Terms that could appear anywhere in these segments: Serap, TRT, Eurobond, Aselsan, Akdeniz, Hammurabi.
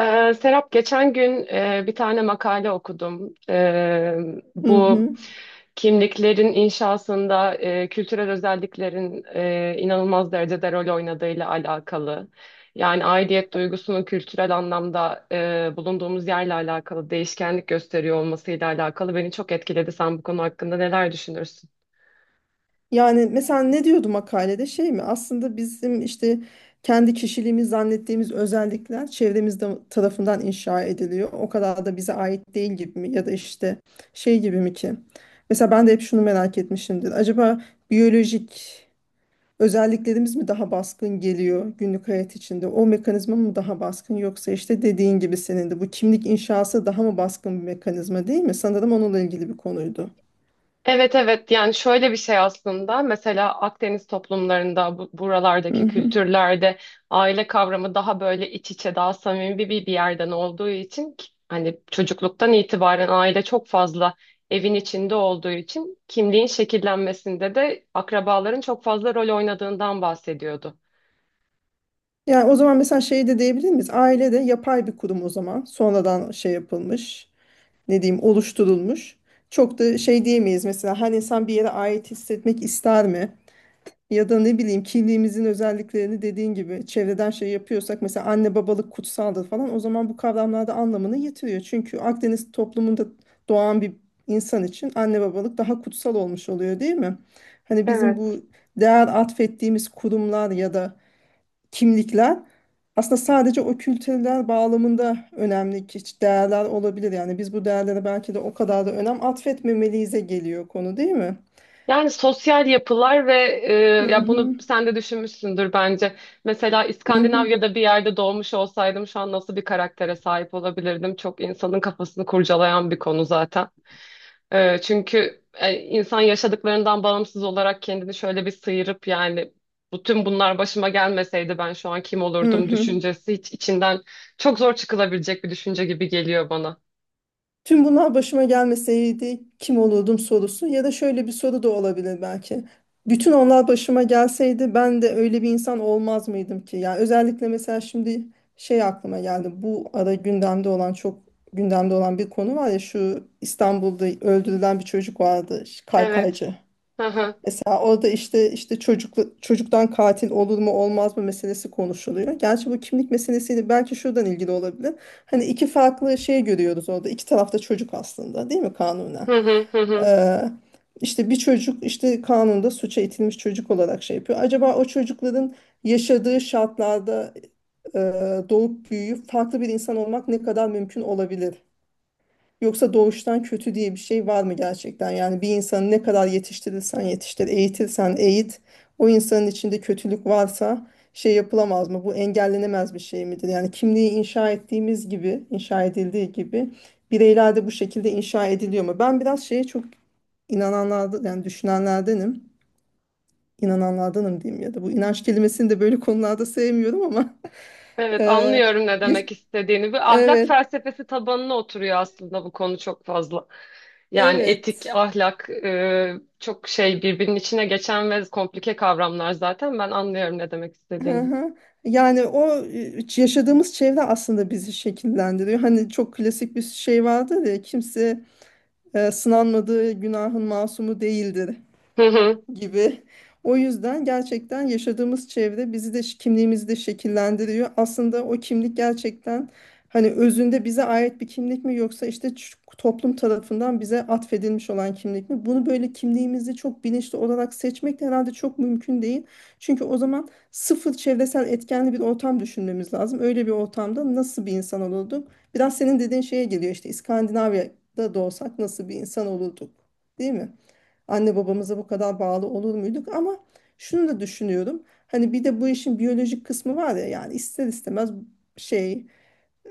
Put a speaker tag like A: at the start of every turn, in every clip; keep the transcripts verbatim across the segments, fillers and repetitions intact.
A: Ee, Serap geçen gün e, bir tane makale okudum. Ee,
B: Hı
A: bu
B: hı.
A: kimliklerin inşasında e, kültürel özelliklerin e, inanılmaz derecede rol oynadığıyla alakalı. Yani aidiyet duygusunun kültürel anlamda e, bulunduğumuz yerle alakalı değişkenlik gösteriyor olmasıyla alakalı beni çok etkiledi. Sen bu konu hakkında neler düşünürsün?
B: Yani mesela ne diyordu makalede şey mi? Aslında bizim işte kendi kişiliğimiz zannettiğimiz özellikler çevremizde tarafından inşa ediliyor. O kadar da bize ait değil gibi mi? Ya da işte şey gibi mi ki? Mesela ben de hep şunu merak etmişimdir. Acaba biyolojik özelliklerimiz mi daha baskın geliyor günlük hayat içinde? O mekanizma mı daha baskın yoksa işte dediğin gibi senin de bu kimlik inşası daha mı baskın bir mekanizma değil mi? Sanırım onunla ilgili bir konuydu.
A: Evet evet, yani şöyle bir şey aslında. Mesela Akdeniz toplumlarında bu-
B: Hı
A: buralardaki
B: hı.
A: kültürlerde aile kavramı daha böyle iç içe, daha samimi bir, bir yerden olduğu için ki- hani çocukluktan itibaren aile çok fazla evin içinde olduğu için kimliğin şekillenmesinde de akrabaların çok fazla rol oynadığından bahsediyordu.
B: Yani o zaman mesela şey de diyebilir miyiz? Aile de yapay bir kurum o zaman. Sonradan şey yapılmış, ne diyeyim, oluşturulmuş. Çok da şey diyemeyiz mesela her insan bir yere ait hissetmek ister mi? Ya da ne bileyim kimliğimizin özelliklerini dediğin gibi çevreden şey yapıyorsak mesela anne babalık kutsaldır falan o zaman bu kavramlarda anlamını yitiriyor. Çünkü Akdeniz toplumunda doğan bir insan için anne babalık daha kutsal olmuş oluyor değil mi? Hani bizim bu
A: Evet.
B: değer atfettiğimiz kurumlar ya da kimlikler aslında sadece o kültürler bağlamında önemli ki değerler olabilir. Yani biz bu değerlere belki de o kadar da önem atfetmemeliyiz'e geliyor konu değil mi?
A: Yani sosyal yapılar ve e,
B: Hı
A: ya
B: hı.
A: bunu sen de düşünmüşsündür bence. Mesela
B: Hı hı.
A: İskandinavya'da bir yerde doğmuş olsaydım şu an nasıl bir karaktere sahip olabilirdim? Çok insanın kafasını kurcalayan bir konu zaten. E, çünkü e, insan yaşadıklarından bağımsız olarak kendini şöyle bir sıyırıp, yani bütün bunlar başıma gelmeseydi ben şu an kim
B: Hı
A: olurdum
B: hı.
A: düşüncesi hiç içinden çok zor çıkılabilecek bir düşünce gibi geliyor bana.
B: Tüm bunlar başıma gelmeseydi kim olurdum sorusu ya da şöyle bir soru da olabilir belki. Bütün onlar başıma gelseydi ben de öyle bir insan olmaz mıydım ki? Yani özellikle mesela şimdi şey aklıma geldi. Bu ara gündemde olan çok gündemde olan bir konu var ya şu İstanbul'da öldürülen bir çocuk vardı
A: Evet.
B: kaykaycı.
A: Hı hı.
B: Mesela orada işte işte çocuklu, çocuktan katil olur mu olmaz mı meselesi konuşuluyor. Gerçi bu kimlik meselesiyle belki şuradan ilgili olabilir. Hani iki farklı şey görüyoruz orada. İki tarafta çocuk aslında değil mi kanunen?
A: Hı hı, hı hı.
B: Ee, işte bir çocuk işte kanunda suça itilmiş çocuk olarak şey yapıyor. Acaba o çocukların yaşadığı şartlarda e, doğup büyüyüp farklı bir insan olmak ne kadar mümkün olabilir? Yoksa doğuştan kötü diye bir şey var mı gerçekten? Yani bir insanı ne kadar yetiştirirsen yetiştir, eğitirsen eğit, o insanın içinde kötülük varsa şey yapılamaz mı? Bu engellenemez bir şey midir? Yani kimliği inşa ettiğimiz gibi, inşa edildiği gibi bireyler de bu şekilde inşa ediliyor mu? Ben biraz şeye çok inananlardan, yani düşünenlerdenim. İnananlardanım diyeyim ya da bu inanç kelimesini de böyle konularda sevmiyorum ama
A: Evet,
B: eee,
A: anlıyorum ne
B: yaş-
A: demek istediğini. Bir ahlak
B: evet,
A: felsefesi tabanına oturuyor aslında bu konu çok fazla. Yani etik,
B: evet.
A: ahlak, e, çok şey birbirinin içine geçen ve komplike kavramlar zaten. Ben anlıyorum ne demek
B: Hı
A: istediğini.
B: hı. Yani o e, yaşadığımız çevre aslında bizi şekillendiriyor. Hani çok klasik bir şey vardır ya kimse e, sınanmadığı günahın masumu değildir gibi. O yüzden gerçekten yaşadığımız çevre bizi de kimliğimizi de şekillendiriyor. Aslında o kimlik gerçekten hani özünde bize ait bir kimlik mi yoksa işte ç- toplum tarafından bize atfedilmiş olan kimlik mi? Bunu böyle kimliğimizi çok bilinçli olarak seçmek de herhalde çok mümkün değil. Çünkü o zaman sıfır çevresel etkenli bir ortam düşünmemiz lazım. Öyle bir ortamda nasıl bir insan olurduk? Biraz senin dediğin şeye geliyor işte İskandinavya'da doğsak nasıl bir insan olurduk? Değil mi? Anne babamıza bu kadar bağlı olur muyduk? Ama şunu da düşünüyorum. Hani bir de bu işin biyolojik kısmı var ya yani ister istemez şey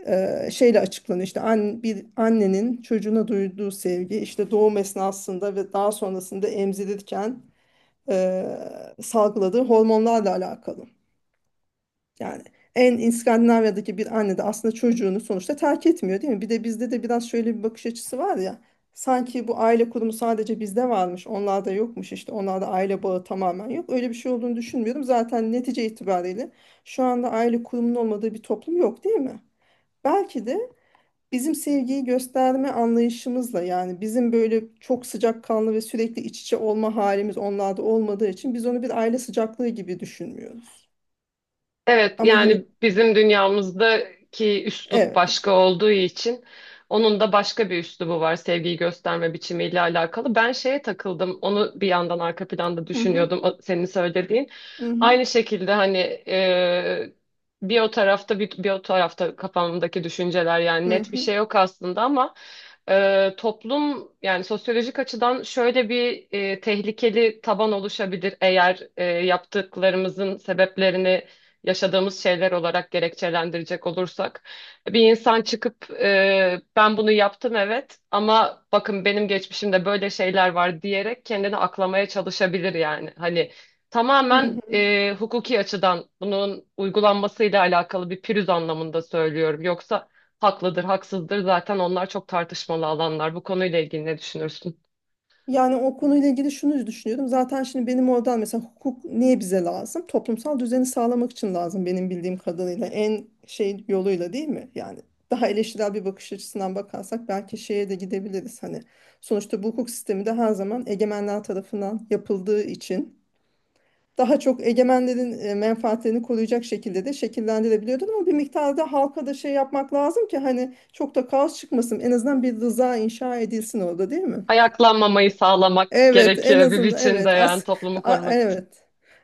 B: e, şeyle açıklanıyor işte an, bir annenin çocuğuna duyduğu sevgi işte doğum esnasında ve daha sonrasında emzirirken e, salgıladığı hormonlarla alakalı. Yani en İskandinavya'daki bir anne de aslında çocuğunu sonuçta terk etmiyor değil mi? Bir de bizde de biraz şöyle bir bakış açısı var ya. Sanki bu aile kurumu sadece bizde varmış, onlarda yokmuş işte. Onlarda aile bağı tamamen yok. Öyle bir şey olduğunu düşünmüyorum. Zaten netice itibariyle şu anda aile kurumunun olmadığı bir toplum yok değil mi? Belki de bizim sevgiyi gösterme anlayışımızla yani bizim böyle çok sıcakkanlı ve sürekli iç içe olma halimiz onlarda olmadığı için biz onu bir aile sıcaklığı gibi düşünmüyoruz.
A: Evet,
B: Ama yine
A: yani bizim dünyamızdaki üslup
B: evet.
A: başka olduğu için onun da başka bir üslubu var sevgiyi gösterme biçimiyle alakalı. Ben şeye takıldım, onu bir yandan arka planda
B: Hı hı.
A: düşünüyordum o- senin söylediğin.
B: Hı hı,
A: Aynı şekilde hani e, bir o tarafta bir, bir o tarafta kafamdaki düşünceler, yani
B: hı
A: net bir
B: hı,
A: şey yok aslında ama e, toplum, yani sosyolojik açıdan şöyle bir e, tehlikeli taban oluşabilir. Eğer e, yaptıklarımızın sebeplerini yaşadığımız şeyler olarak gerekçelendirecek olursak bir insan çıkıp e, ben bunu yaptım, evet, ama bakın benim geçmişimde böyle şeyler var diyerek kendini aklamaya çalışabilir yani. Hani
B: hı
A: tamamen
B: hı.
A: e, hukuki açıdan bunun uygulanmasıyla alakalı bir pürüz anlamında söylüyorum. Yoksa haklıdır, haksızdır zaten, onlar çok tartışmalı alanlar. Bu konuyla ilgili ne düşünürsün?
B: Yani o konuyla ilgili şunu düşünüyordum. Zaten şimdi benim oradan mesela hukuk niye bize lazım? Toplumsal düzeni sağlamak için lazım benim bildiğim kadarıyla. En şey yoluyla değil mi? Yani daha eleştirel bir bakış açısından bakarsak belki şeye de gidebiliriz. Hani sonuçta bu hukuk sistemi de her zaman egemenler tarafından yapıldığı için daha çok egemenlerin e, menfaatlerini koruyacak şekilde de şekillendirilebiliyordur ama bir miktarda halka da şey yapmak lazım ki hani çok da kaos çıkmasın en azından bir rıza inşa edilsin orada değil mi?
A: Ayaklanmamayı sağlamak
B: Evet, en
A: gerekiyor bir
B: azından
A: biçimde,
B: evet.
A: yani
B: As
A: toplumu
B: a-
A: korumak
B: evet.
A: için.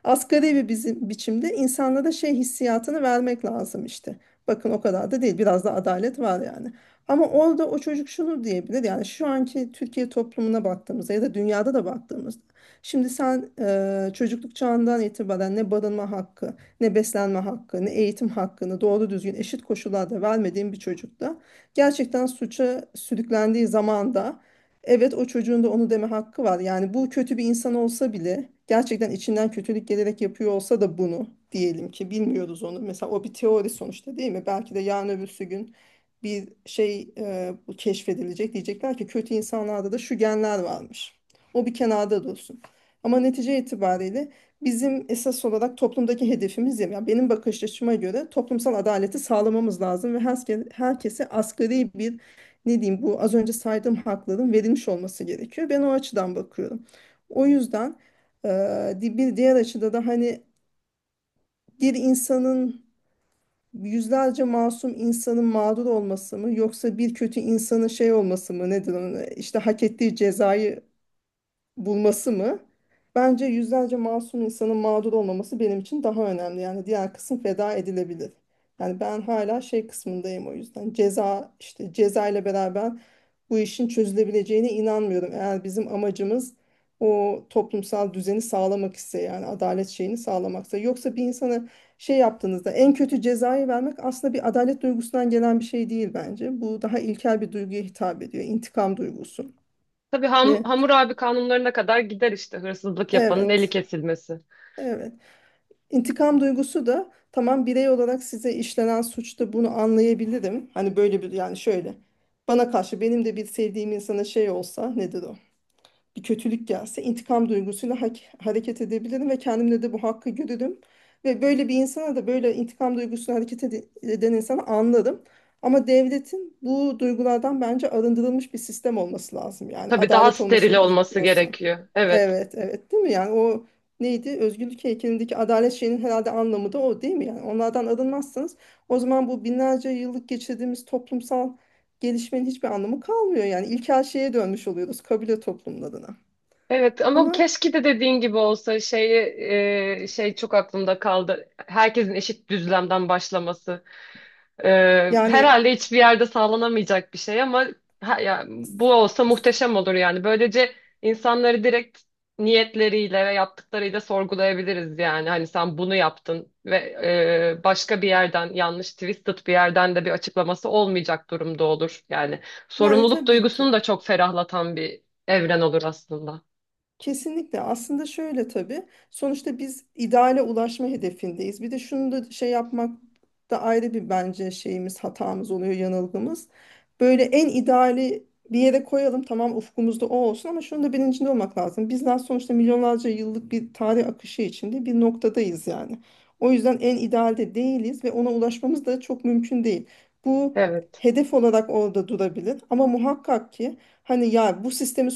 B: Asgari bir bizim biçimde insanlara şey hissiyatını vermek lazım işte. Bakın o kadar da değil. Biraz da adalet var yani. Ama orada o çocuk şunu diyebilir. Yani şu anki Türkiye toplumuna baktığımızda ya da dünyada da baktığımızda. Şimdi sen e, çocukluk çağından itibaren ne barınma hakkı, ne beslenme hakkı, ne eğitim hakkını doğru düzgün eşit koşullarda vermediğin bir çocukta gerçekten suça sürüklendiği zamanda. Evet, o çocuğun da onu deme hakkı var. Yani bu kötü bir insan olsa bile gerçekten içinden kötülük gelerek yapıyor olsa da bunu diyelim ki bilmiyoruz onu. Mesela o bir teori sonuçta değil mi? Belki de yarın öbürsü gün bir şey e, bu keşfedilecek. Diyecekler ki kötü insanlarda da şu genler varmış. O bir kenarda dursun. Ama netice itibariyle bizim esas olarak toplumdaki hedefimiz ya yani benim bakış açıma göre toplumsal adaleti sağlamamız lazım ve herkese, herkese asgari bir ne diyeyim bu az önce saydığım hakların verilmiş olması gerekiyor. Ben o açıdan bakıyorum. O yüzden eee, di- bir diğer açıda da hani bir insanın yüzlerce masum insanın mağdur olması mı yoksa bir kötü insanın şey olması mı nedir onun işte hak ettiği cezayı bulması mı? Bence yüzlerce masum insanın mağdur olmaması benim için daha önemli. Yani diğer kısım feda edilebilir. Yani ben hala şey kısmındayım o yüzden. Ceza işte ceza ile beraber bu işin çözülebileceğine inanmıyorum. Eğer bizim amacımız o toplumsal düzeni sağlamak ise yani adalet şeyini sağlamaksa. Yoksa bir insana şey yaptığınızda en kötü cezayı vermek aslında bir adalet duygusundan gelen bir şey değil bence. Bu daha ilkel bir duyguya hitap ediyor. İntikam duygusu.
A: Tabii, ham,
B: Ve
A: Hammurabi kanunlarına kadar gider işte, hırsızlık yapanın eli
B: evet.
A: kesilmesi.
B: Evet. İntikam duygusu da tamam birey olarak size işlenen suçta bunu anlayabilirim. Hani böyle bir yani şöyle bana karşı benim de bir sevdiğim insana şey olsa nedir o? Bir kötülük gelse intikam duygusuyla hak- hareket edebilirim ve kendimde de bu hakkı görürüm. Ve böyle bir insana da böyle intikam duygusuyla hareket ede- eden insanı anlarım. Ama devletin bu duygulardan bence arındırılmış bir sistem olması lazım. Yani
A: Tabii, daha
B: adalet
A: steril
B: olmasını
A: olması
B: istiyorsa.
A: gerekiyor. Evet.
B: Evet, evet değil mi? Yani o neydi? Özgürlük heykelindeki adalet şeyinin herhalde anlamı da o değil mi? Yani onlardan arınmazsanız o zaman bu binlerce yıllık geçirdiğimiz toplumsal gelişmenin hiçbir anlamı kalmıyor. Yani ilkel şeye dönmüş oluyoruz kabile toplumlarına.
A: Evet ama
B: Ama
A: keşke de dediğin gibi olsa. Şeyi, e, şey çok aklımda kaldı: herkesin eşit düzlemden başlaması. Ee,
B: yani
A: herhalde hiçbir yerde sağlanamayacak bir şey ama ha, ya, bu olsa muhteşem olur yani. Böylece insanları direkt niyetleriyle ve yaptıklarıyla sorgulayabiliriz yani. Hani sen bunu yaptın ve e, başka bir yerden, yanlış twisted bir yerden de bir açıklaması olmayacak durumda olur. Yani
B: yani
A: sorumluluk
B: tabii
A: duygusunu da
B: ki.
A: çok ferahlatan bir evren olur aslında.
B: Kesinlikle aslında şöyle tabii sonuçta biz ideale ulaşma hedefindeyiz. Bir de şunu da şey yapmak da ayrı bir bence şeyimiz hatamız oluyor yanılgımız. Böyle en ideali bir yere koyalım tamam ufkumuzda o olsun ama şunun da bilincinde olmak lazım. Bizler sonuçta milyonlarca yıllık bir tarih akışı içinde bir noktadayız yani. O yüzden en idealde değiliz ve ona ulaşmamız da çok mümkün değil. Bu
A: Evet,
B: hedef olarak orada durabilir ama muhakkak ki hani ya bu sistemi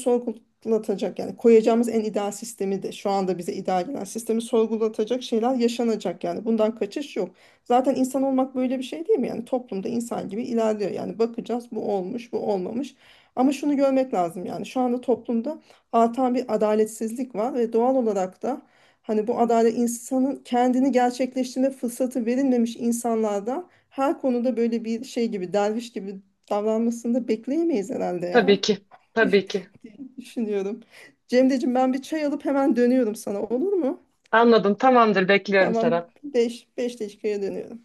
B: sorgulatacak yani koyacağımız en ideal sistemi de şu anda bize ideal gelen sistemi sorgulatacak şeyler yaşanacak yani bundan kaçış yok. Zaten insan olmak böyle bir şey değil mi? Yani toplumda insan gibi ilerliyor. Yani bakacağız bu olmuş, bu olmamış. Ama şunu görmek lazım yani şu anda toplumda artan bir adaletsizlik var ve doğal olarak da hani bu adalet insanın kendini gerçekleştirme fırsatı verilmemiş insanlardan her konuda böyle bir şey gibi derviş gibi davranmasını da bekleyemeyiz herhalde
A: tabii
B: ya.
A: ki, tabii ki.
B: diye düşünüyorum. Cemre'cim ben bir çay alıp hemen dönüyorum sana olur mu?
A: Anladım, tamamdır, bekliyorum
B: Tamam,
A: Serap.
B: beş beş dakikaya dönüyorum.